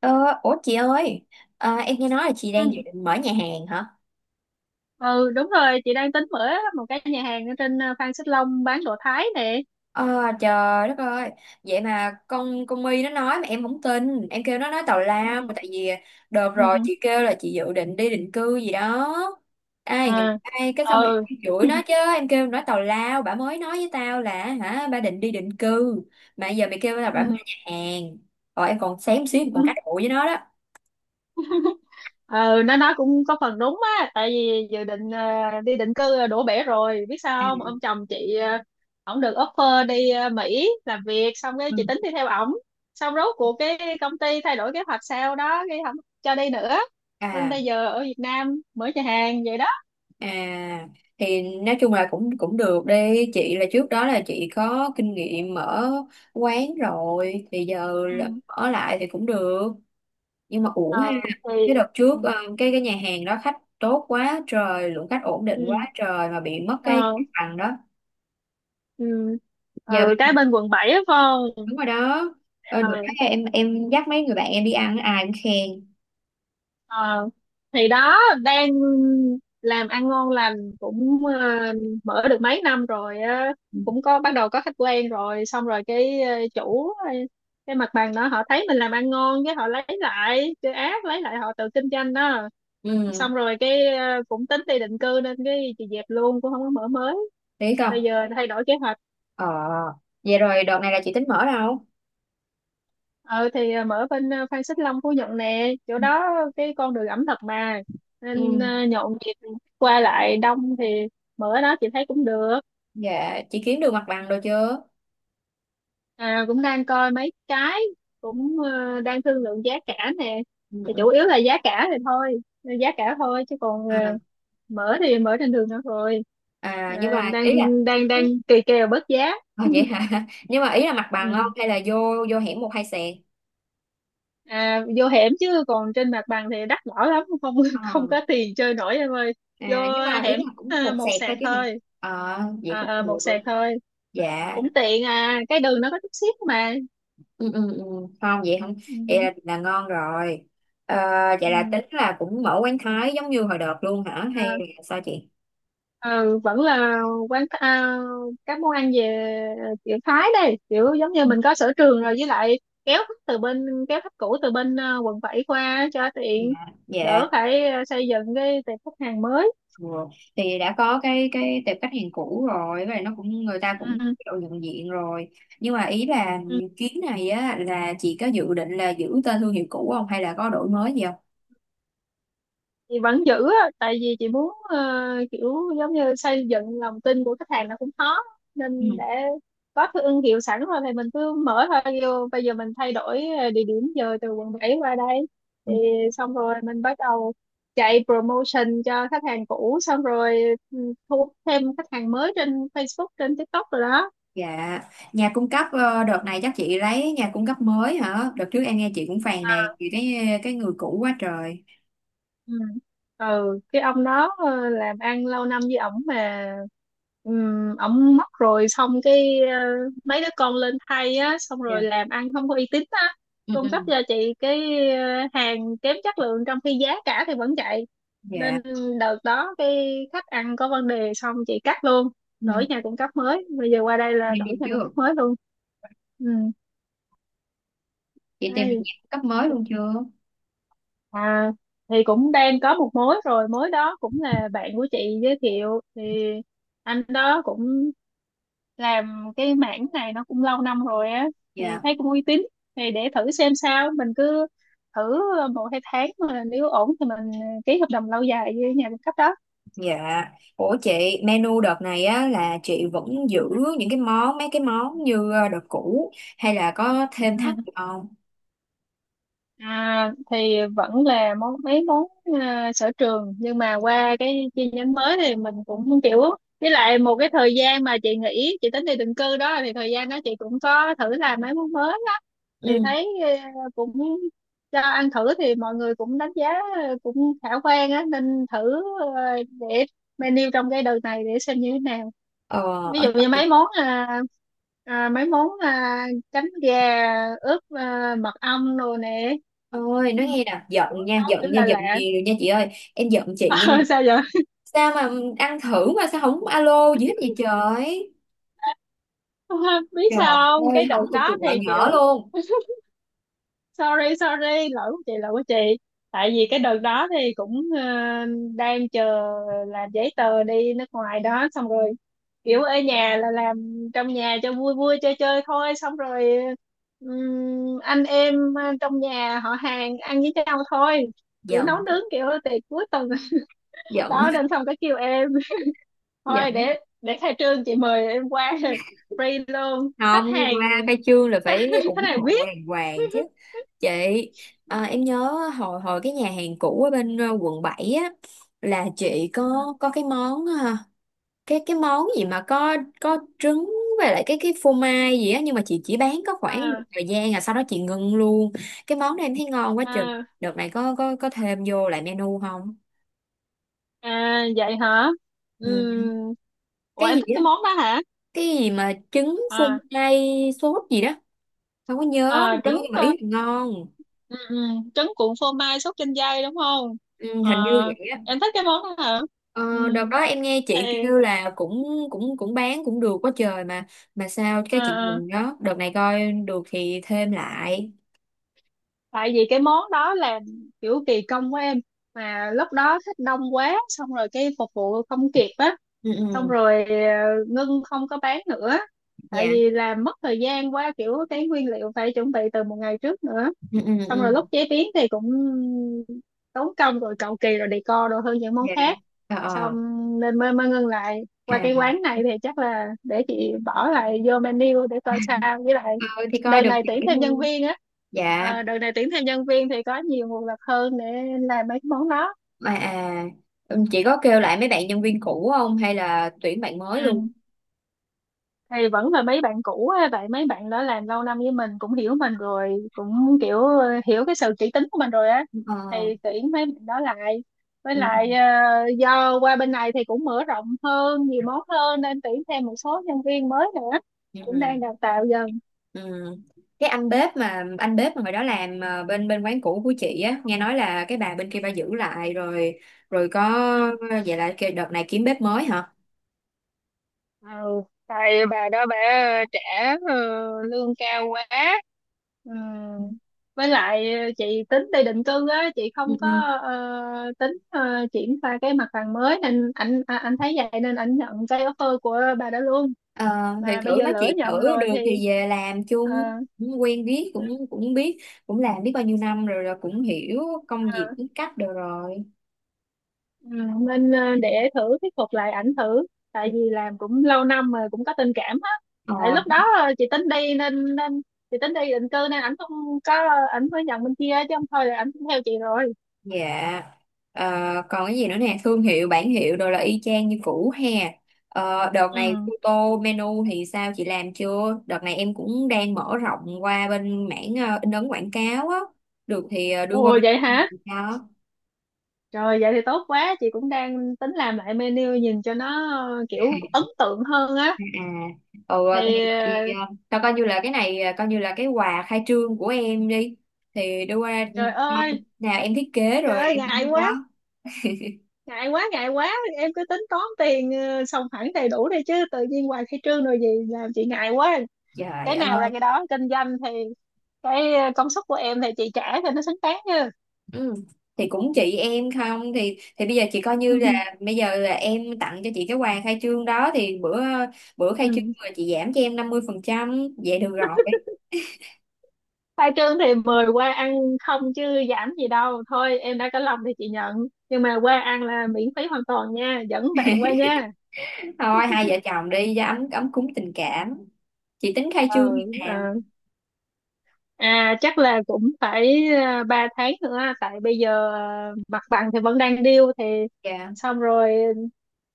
Ờ, Ủa chị ơi, em nghe nói là chị Ừ. đang dự định mở nhà hàng hả? Ừ đúng rồi, chị đang tính mở một cái nhà hàng ở trên Phan Xích Long, bán đồ Thái nè. Ờ, Trời đất ơi, vậy mà con My nó nói mà em không tin, em kêu nó nói tào lao, Ừ. tại vì đợt rồi Ừ. chị kêu là chị dự định đi định cư gì đó. Ai, À, ai cái xong rồi ừ. em chửi nó chứ, em kêu nói tào lao, bà mới nói với tao là hả, bà định đi định cư, mà giờ mày kêu là bà mở Ừ. nhà hàng. Rồi em còn xém xíu, em còn cãi cụ với nó đó. Ừ nó nói cũng có phần đúng á, tại vì dự định đi định cư đổ bể rồi. Biết À, sao không, ông chồng chị ổng được offer đi Mỹ làm việc, xong cái ừ. chị tính đi theo ổng. Xong rốt cuộc cái công ty thay đổi kế hoạch sao đó, cái không cho đi nữa, nên À. bây giờ ở Việt Nam mở nhà hàng vậy đó. À thì nói chung là cũng cũng được đi chị, là trước đó là chị có kinh nghiệm mở quán rồi thì giờ Ừ. là ở lại thì cũng được, nhưng mà uổng ha. ờ thì Cái đợt ừ. trước cái nhà hàng đó khách tốt quá trời, lượng khách ổn định quá Ừ. trời mà bị mất cái Ờ. bằng đó. Ừ. Giờ Ừ, bên cái này bên quận 7 á, Phong. đúng rồi đó. Được Ờ. cái em dắt mấy người bạn em đi ăn ai cũng khen. Ờ thì đó, đang làm ăn ngon lành cũng mở được mấy năm rồi á, Ừ. cũng có bắt đầu có khách quen rồi. Xong rồi cái chủ cái mặt bằng đó, họ thấy mình làm ăn ngon cái họ lấy lại, cái ác lấy lại, họ tự kinh doanh đó. Ừ, Xong rồi cái cũng tính đi định cư nên cái chị dẹp luôn, cũng không có mở mới. biết không. Bây giờ thay đổi kế hoạch. ờ Vậy rồi đợt này là chị tính mở đâu? Ờ thì à, mở bên à, Phan Xích Long Phú Nhuận nè, chỗ Ừ. đó cái con đường ẩm thực mà, nên Ừ, à, nhộn nhịp, qua lại đông, thì mở đó chị thấy cũng được. dạ chị kiếm được mặt bằng rồi chưa? À, cũng đang coi mấy cái, cũng à, đang thương lượng giá cả nè. Ừ, Thì ừ. chủ yếu là giá cả thì thôi, giá cả thôi, chứ còn à, à, mở thì mở trên đường nữa rồi. Nhưng À, mà đang ý là. đang đang kỳ kèo bớt giá. Vậy hả? Nhưng mà ý là mặt bằng không, Ừ. hay là vô vô hẻm một hai sẹt? À, vô hẻm chứ còn trên mặt bằng thì đắt đỏ lắm, không không Ờ. có tiền chơi nổi em ơi. Vô Nhưng mà ý hẻm, là cũng à, một một sẹt sạc thôi chứ hả? thôi. Vậy À, cũng một được. sạc thôi. Dạ. Cũng tiện, à cái đường nó có chút xíu mà. Ừ, ừ, ừ. Không vậy không. Ừ, Vậy là ngon rồi. Ờ, Vậy là ừ, tính là cũng mở quán Thái giống như hồi đợt luôn hả, à, hay là sao chị? ừ, vẫn là quán à, các món ăn về kiểu Thái đây, kiểu giống như Ừ. mình có sở trường rồi, với lại kéo khách từ bên, kéo khách cũ từ bên à, quận 7 qua cho tiện, Dạ. Dạ. đỡ phải à, xây dựng cái tệp khách hàng mới. Ừ. Thì đã có cái tệp khách hàng cũ rồi, và nó cũng người ta cũng Ừ. kiểu nhận diện rồi, nhưng mà ý là Ừ. chuyến này á, là chị có dự định là giữ tên thương hiệu cũ không, hay là có đổi mới gì không? Chị vẫn giữ á, tại vì chị muốn kiểu giống như xây dựng lòng tin của khách hàng là cũng khó, Ừ. nên để có cái thương hiệu sẵn rồi thì mình cứ mở thôi. Vô bây giờ mình thay đổi địa điểm giờ từ quận 7 qua đây, Ừ. thì xong rồi mình bắt đầu chạy promotion cho khách hàng cũ, xong rồi ừ, thu hút thêm khách hàng mới trên Facebook, trên TikTok rồi đó. Dạ. Nhà cung cấp đợt này chắc chị lấy nhà cung cấp mới hả? Đợt trước em nghe chị cũng phàn nàn vì cái người cũ quá trời. Ừ. Ừ cái ông đó làm ăn lâu năm với ổng mà. Ổng mất rồi, xong cái mấy đứa con lên thay á, xong rồi Dạ. làm ăn không có uy tín á, Ừ, cung cấp ừ. cho chị cái hàng kém chất lượng, trong khi giá cả thì vẫn chạy, Dạ. nên đợt đó cái khách ăn có vấn đề, xong chị cắt luôn, Ừ. đổi nhà cung cấp mới. Bây giờ qua đây là Em đổi tìm nhà cung chưa? cấp mới luôn. Ừ. Chị tìm Hay nhà cung cấp mới luôn chưa? à, thì cũng đang có một mối rồi, mối đó cũng là bạn của chị giới thiệu, thì anh đó cũng làm cái mảng này nó cũng lâu năm rồi á, thì Dạ. thấy cũng uy tín, thì để thử xem sao. Mình cứ thử 1-2 tháng mà nếu ổn thì mình ký hợp đồng lâu dài với nhà cung cấp đó. Dạ, ủa chị, menu đợt này á là chị vẫn giữ những cái món, mấy cái món như đợt cũ, hay là có thêm Ừ. thắt gì không? À, thì vẫn là mấy món à, sở trường, nhưng mà qua cái chi nhánh mới thì mình cũng kiểu, với lại một cái thời gian mà chị nghỉ, chị tính đi định cư đó, thì thời gian đó chị cũng có thử làm mấy món mới đó, thì Ừ. thấy à, cũng cho ăn thử thì mọi người cũng đánh giá à, cũng khả quan á, nên thử à, để menu trong cái đợt này để xem như thế nào. Ờ, Ví dụ ở như mấy món à, à, mấy món à, chấm gà ướp à, mật ong đồ nè. Ôi, nói Ừm, nghe nè, giận Kiểu nha, nấu giận kiểu nha, là giận lạ. gì rồi nha chị ơi, em giận chị Ờ, nha. sao vậy? Sao mà ăn thử mà sao không alo gì hết vậy trời? Biết Trời sao không, cái ơi, không đợt được đó cuộc thì gọi nhỏ kiểu luôn. sorry sorry lỗi của chị, lỗi của chị. Tại vì cái đợt đó thì cũng đang chờ làm giấy tờ đi nước ngoài đó, xong rồi kiểu ở nhà là làm trong nhà cho vui vui chơi chơi thôi. Xong rồi anh em trong nhà họ hàng ăn với nhau thôi, kiểu nấu Giận, nướng kiểu tiệc cuối tuần. giận, Đó nên xong cái kêu em, thôi giận. Để khai trương chị mời em qua. Free luôn khách Không, hàng. qua khai trương là phải Khách ủng hàng hộ đàng VIP. hoàng chứ. Chị, em nhớ hồi hồi cái nhà hàng cũ ở bên Quận 7 á, là chị có cái món cái món gì mà có trứng với lại cái phô mai gì á, nhưng mà chị chỉ bán có khoảng một À, thời gian rồi sau đó chị ngưng luôn. Cái món đó em thấy ngon quá trời. à. Đợt này có thêm vô lại menu không? À vậy hả? Ừ. Ừm, Ủa Cái em gì thích cái á, món đó hả? cái gì mà trứng phô À, mai sốt gì đó, không có à nhớ nữa trứng nhưng mà ý là ngon. ừ, ừ, trứng cuộn phô mai sốt chanh dây đúng không? Ừ, Ờ, hình như vậy á. em thích cái món đó hả? Ờ, Ừm, Đợt đó em nghe chị Thì kêu là cũng cũng cũng bán cũng được quá trời mà sao. Cái chị à, à, mừng đó, đợt này coi được thì thêm lại. tại vì cái món đó là kiểu kỳ công của em, mà lúc đó thích đông quá, xong rồi cái phục vụ không kịp á, Ừ. xong Ừ. rồi ngưng không có bán nữa. Tại Dạ. vì làm mất thời gian quá, kiểu cái nguyên liệu phải chuẩn bị từ một ngày trước nữa, Ừ, ừ, xong ừ. rồi lúc chế biến thì cũng tốn công rồi, cầu kỳ rồi decor đồ hơn những món Dạ. khác, ờ xong ờ nên mới mới ngưng lại. Qua À cái quán này thì chắc là để chị bỏ lại vô menu để coi sao, với lại thôi thì coi đợt được này thì tuyển thêm nhân cũng. viên á. Dạ. Ờ, đợt này tuyển thêm nhân viên thì có nhiều nguồn lực hơn để làm mấy cái món đó. mà à Ừ, chị có kêu lại mấy bạn nhân viên cũ không, hay là tuyển bạn mới luôn? Ừ. Thì vẫn là mấy bạn cũ á, vậy mấy bạn đó làm lâu năm với mình, cũng hiểu mình rồi, cũng kiểu hiểu cái sự kỹ tính của mình rồi á, thì ờ tuyển mấy bạn đó lại, với ừ, lại ừ. Do qua bên này thì cũng mở rộng hơn, nhiều món hơn, nên tuyển thêm một số nhân viên mới nữa, Ừ. cũng Ừ. đang đào tạo dần. Ừ. Cái anh bếp mà hồi đó làm bên bên quán cũ của chị á, nghe nói là cái bà bên kia bà giữ lại rồi rồi có. Vậy là cái đợt này kiếm bếp mới hả? Ừ, tại bà đó bà trả ờ, lương cao quá. Ừ. Với lại chị tính đi định cư á, chị Ừ. không có Ừ. ờ, tính triển khai cái mặt bằng mới, nên anh à, anh thấy vậy nên anh nhận cái offer của bà đó luôn, Ờ, thì mà thử bây giờ nói lỡ chuyện nhận thử, rồi được thì thì về làm chung. ờ, Cũng quen biết, cũng cũng biết, cũng làm biết bao nhiêu năm rồi, rồi cũng hiểu công việc, cũng cách được rồi. Ừ, nên để thử thuyết phục lại ảnh thử, tại vì làm cũng lâu năm rồi, cũng có tình cảm á. Ờ. Tại lúc đó chị tính đi nên nên chị tính đi định cư nên ảnh không có, ảnh mới nhận bên kia, chứ không thôi là ảnh cũng theo chị rồi. Dạ. Ờ, còn cái gì nữa nè, thương hiệu, bản hiệu đồ là y chang như cũ ha. Đợt Ừ. này photo menu thì sao, chị làm chưa? Đợt này em cũng đang mở rộng qua bên mảng in ấn quảng cáo á. Được thì đưa qua Ồ bên vậy em hả? thì sao? Rồi vậy thì tốt quá, chị cũng đang tính làm lại menu nhìn cho nó kiểu ấn tượng hơn á. À, ừ, thì, Thì thì ờ, tao coi như là cái này, coi như là cái quà khai trương của em đi. Thì đưa qua trời ơi. nào em thiết kế Trời rồi ơi em in cho. Ngại quá ngại quá. Em cứ tính toán tiền xong hẳn đầy đủ đi, chứ tự nhiên hoài khai trương rồi gì làm chị ngại quá. Trời Cái nào ra ơi. cái đó, kinh doanh thì cái công suất của em thì chị trả cho nó xứng đáng chứ. Ừ. Thì cũng chị em, không thì bây giờ chị coi như là bây giờ là em tặng cho chị cái quà khai trương đó, thì bữa bữa khai trương Ừ. là chị giảm cho em 50% vậy được rồi. Khai trương thì mời qua ăn, không chứ giảm gì đâu. Thôi em đã có lòng thì chị nhận, nhưng mà qua ăn là miễn phí hoàn toàn nha, dẫn bạn qua nha. Thôi hai vợ chồng đi cho ấm ấm cúng tình cảm. Chị tính khai trương như Ừ. nào? Ừ. À chắc là cũng phải à, 3 tháng nữa, tại bây giờ à, mặt bằng thì vẫn đang điêu. Thì Dạ. xong rồi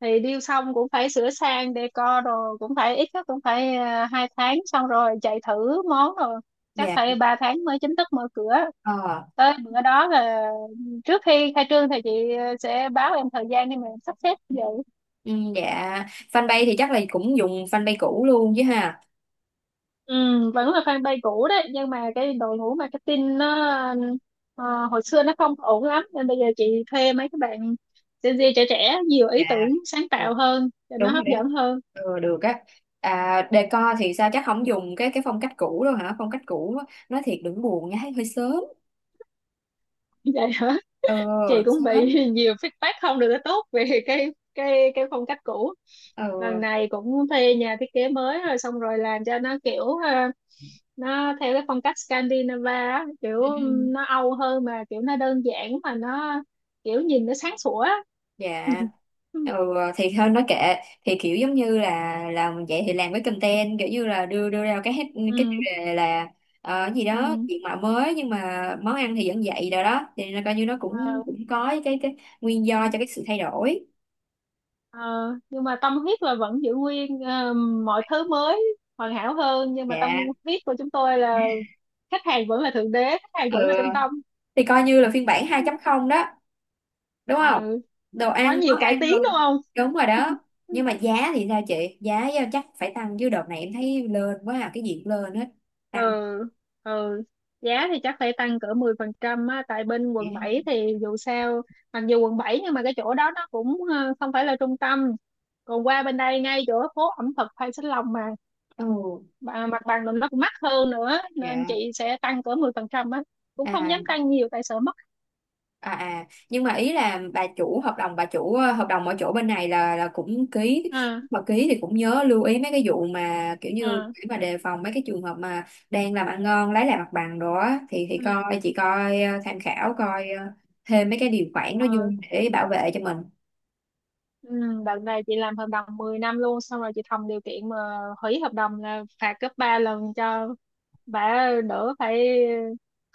thì điêu xong cũng phải sửa sang decor, rồi cũng phải ít nhất cũng phải à, 2 tháng, xong rồi chạy thử món, rồi chắc Dạ. phải 3 tháng mới chính thức mở cửa. ờ Tới bữa đó là trước khi khai trương thì chị sẽ báo em thời gian để mà em sắp xếp vậy. ừ, dạ. Fanpage thì chắc là cũng dùng fanpage cũ luôn chứ ha? Ừ, vẫn là fanpage cũ đấy, nhưng mà cái đội ngũ marketing nó ờ, hồi xưa nó không ổn lắm, nên bây giờ chị thuê mấy các bạn Gen Z trẻ trẻ, nhiều Dạ. ý tưởng sáng Ừ, tạo hơn cho nó đúng rồi hấp đó. dẫn hơn. Ừ, được á. Decor thì sao, chắc không dùng cái phong cách cũ đâu hả? Phong cách cũ á, nói thiệt đừng buồn nha, hơi sớm. Vậy hả, Ừ, chị cũng bị sớm. nhiều feedback không được tốt về cái phong cách cũ. Lần Ừ. này cũng thuê nhà thiết kế mới rồi, xong rồi làm cho nó kiểu nó theo cái phong cách Scandinavia á, kiểu Ừ. nó Âu hơn, mà kiểu nó đơn giản, mà nó kiểu nhìn nó sáng sủa. Dạ. Ừ. Ừ. Thì thôi nói kệ. Thì kiểu giống như là làm vậy thì làm cái content kiểu như là đưa đưa ra cái hết cái chủ đề là gì đó, Ừ. diện mạo mới nhưng mà món ăn thì vẫn vậy, rồi đó thì nó coi như nó cũng Ờ, cũng có cái nguyên do cho cái sự thay đổi. Ờ, nhưng mà tâm huyết là vẫn giữ nguyên mọi thứ mới hoàn hảo hơn, nhưng mà tâm Dạ. huyết của chúng tôi là khách hàng vẫn là thượng đế, khách hàng Ừ. vẫn là trung tâm. Thì coi như là phiên bản 2.0 đó, đúng không? Ờ, Đồ có ăn, nhiều món cải ăn tiến đúng rồi. không. Đúng rồi đó. Nhưng mà giá thì sao chị, giá chắc phải tăng chứ, đợt này em thấy lên quá, à cái gì cũng lên hết. Ừ. Tăng. Ừ, giá thì chắc phải tăng cỡ 10% á, tại bên quận 7 thì dù sao, mặc dù quận 7 nhưng mà cái chỗ đó nó cũng không phải là trung tâm, còn qua bên đây ngay chỗ phố ẩm thực Phan Xích Long mà. Ừ. Và mặt bằng nó cũng mắc hơn nữa, nên Dạ. chị sẽ tăng cỡ 10% á, cũng không à dám tăng nhiều tại sợ mất. Nhưng mà ý là bà chủ hợp đồng, hợp đồng ở chỗ bên này là cũng ký. À, Lúc mà ký thì cũng nhớ lưu ý mấy cái vụ mà kiểu như à, để mà đề phòng mấy cái trường hợp mà đang làm ăn ngon lấy lại mặt bằng đó á. Thì ừ, coi chị coi ờ, tham khảo coi thêm mấy cái điều khoản đó ừ, vô để bảo vệ cho mình. ừ. Đợt này chị làm hợp đồng 10 năm luôn, xong rồi chị thầm điều kiện mà hủy hợp đồng là phạt gấp 3 lần, cho bà đỡ phải,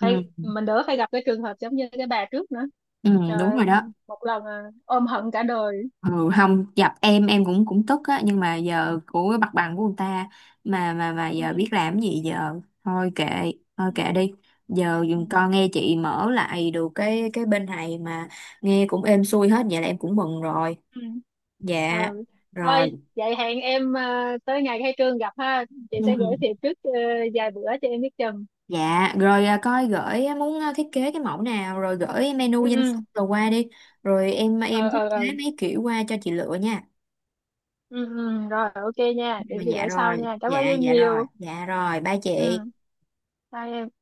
mình đỡ phải gặp cái trường hợp giống như cái bà trước nữa. Ừ, Trời, đúng ơi, rồi đó. một lần à, ôm hận cả đời. Ừ, không gặp em cũng cũng tức á, nhưng mà giờ của cái mặt bằng của người ta mà mà Ừ, giờ biết làm gì giờ, thôi kệ. Thôi ừ, kệ đi. Giờ ừ. dùm con nghe chị mở lại được cái bên này mà, nghe cũng êm xuôi hết vậy là em cũng mừng rồi. Ừ. Ờ, Dạ rồi. thôi vậy hẹn em tới ngày khai trương gặp ha. Chị sẽ gửi Ừ. thiệp trước vài bữa cho em biết chừng. Dạ rồi, coi gửi á, muốn thiết kế cái mẫu nào rồi gửi menu Ừ. danh Ừ. sách rồi qua đi, rồi em Ờ. em thiết Ờ. kế Ờ. mấy kiểu qua cho chị lựa nha. Ừ ừ rồi ok nha, để chị Dạ gửi sau rồi. nha, cảm Dạ. ơn em Dạ rồi. nhiều. Dạ rồi, ba chị. Ừ, bye em.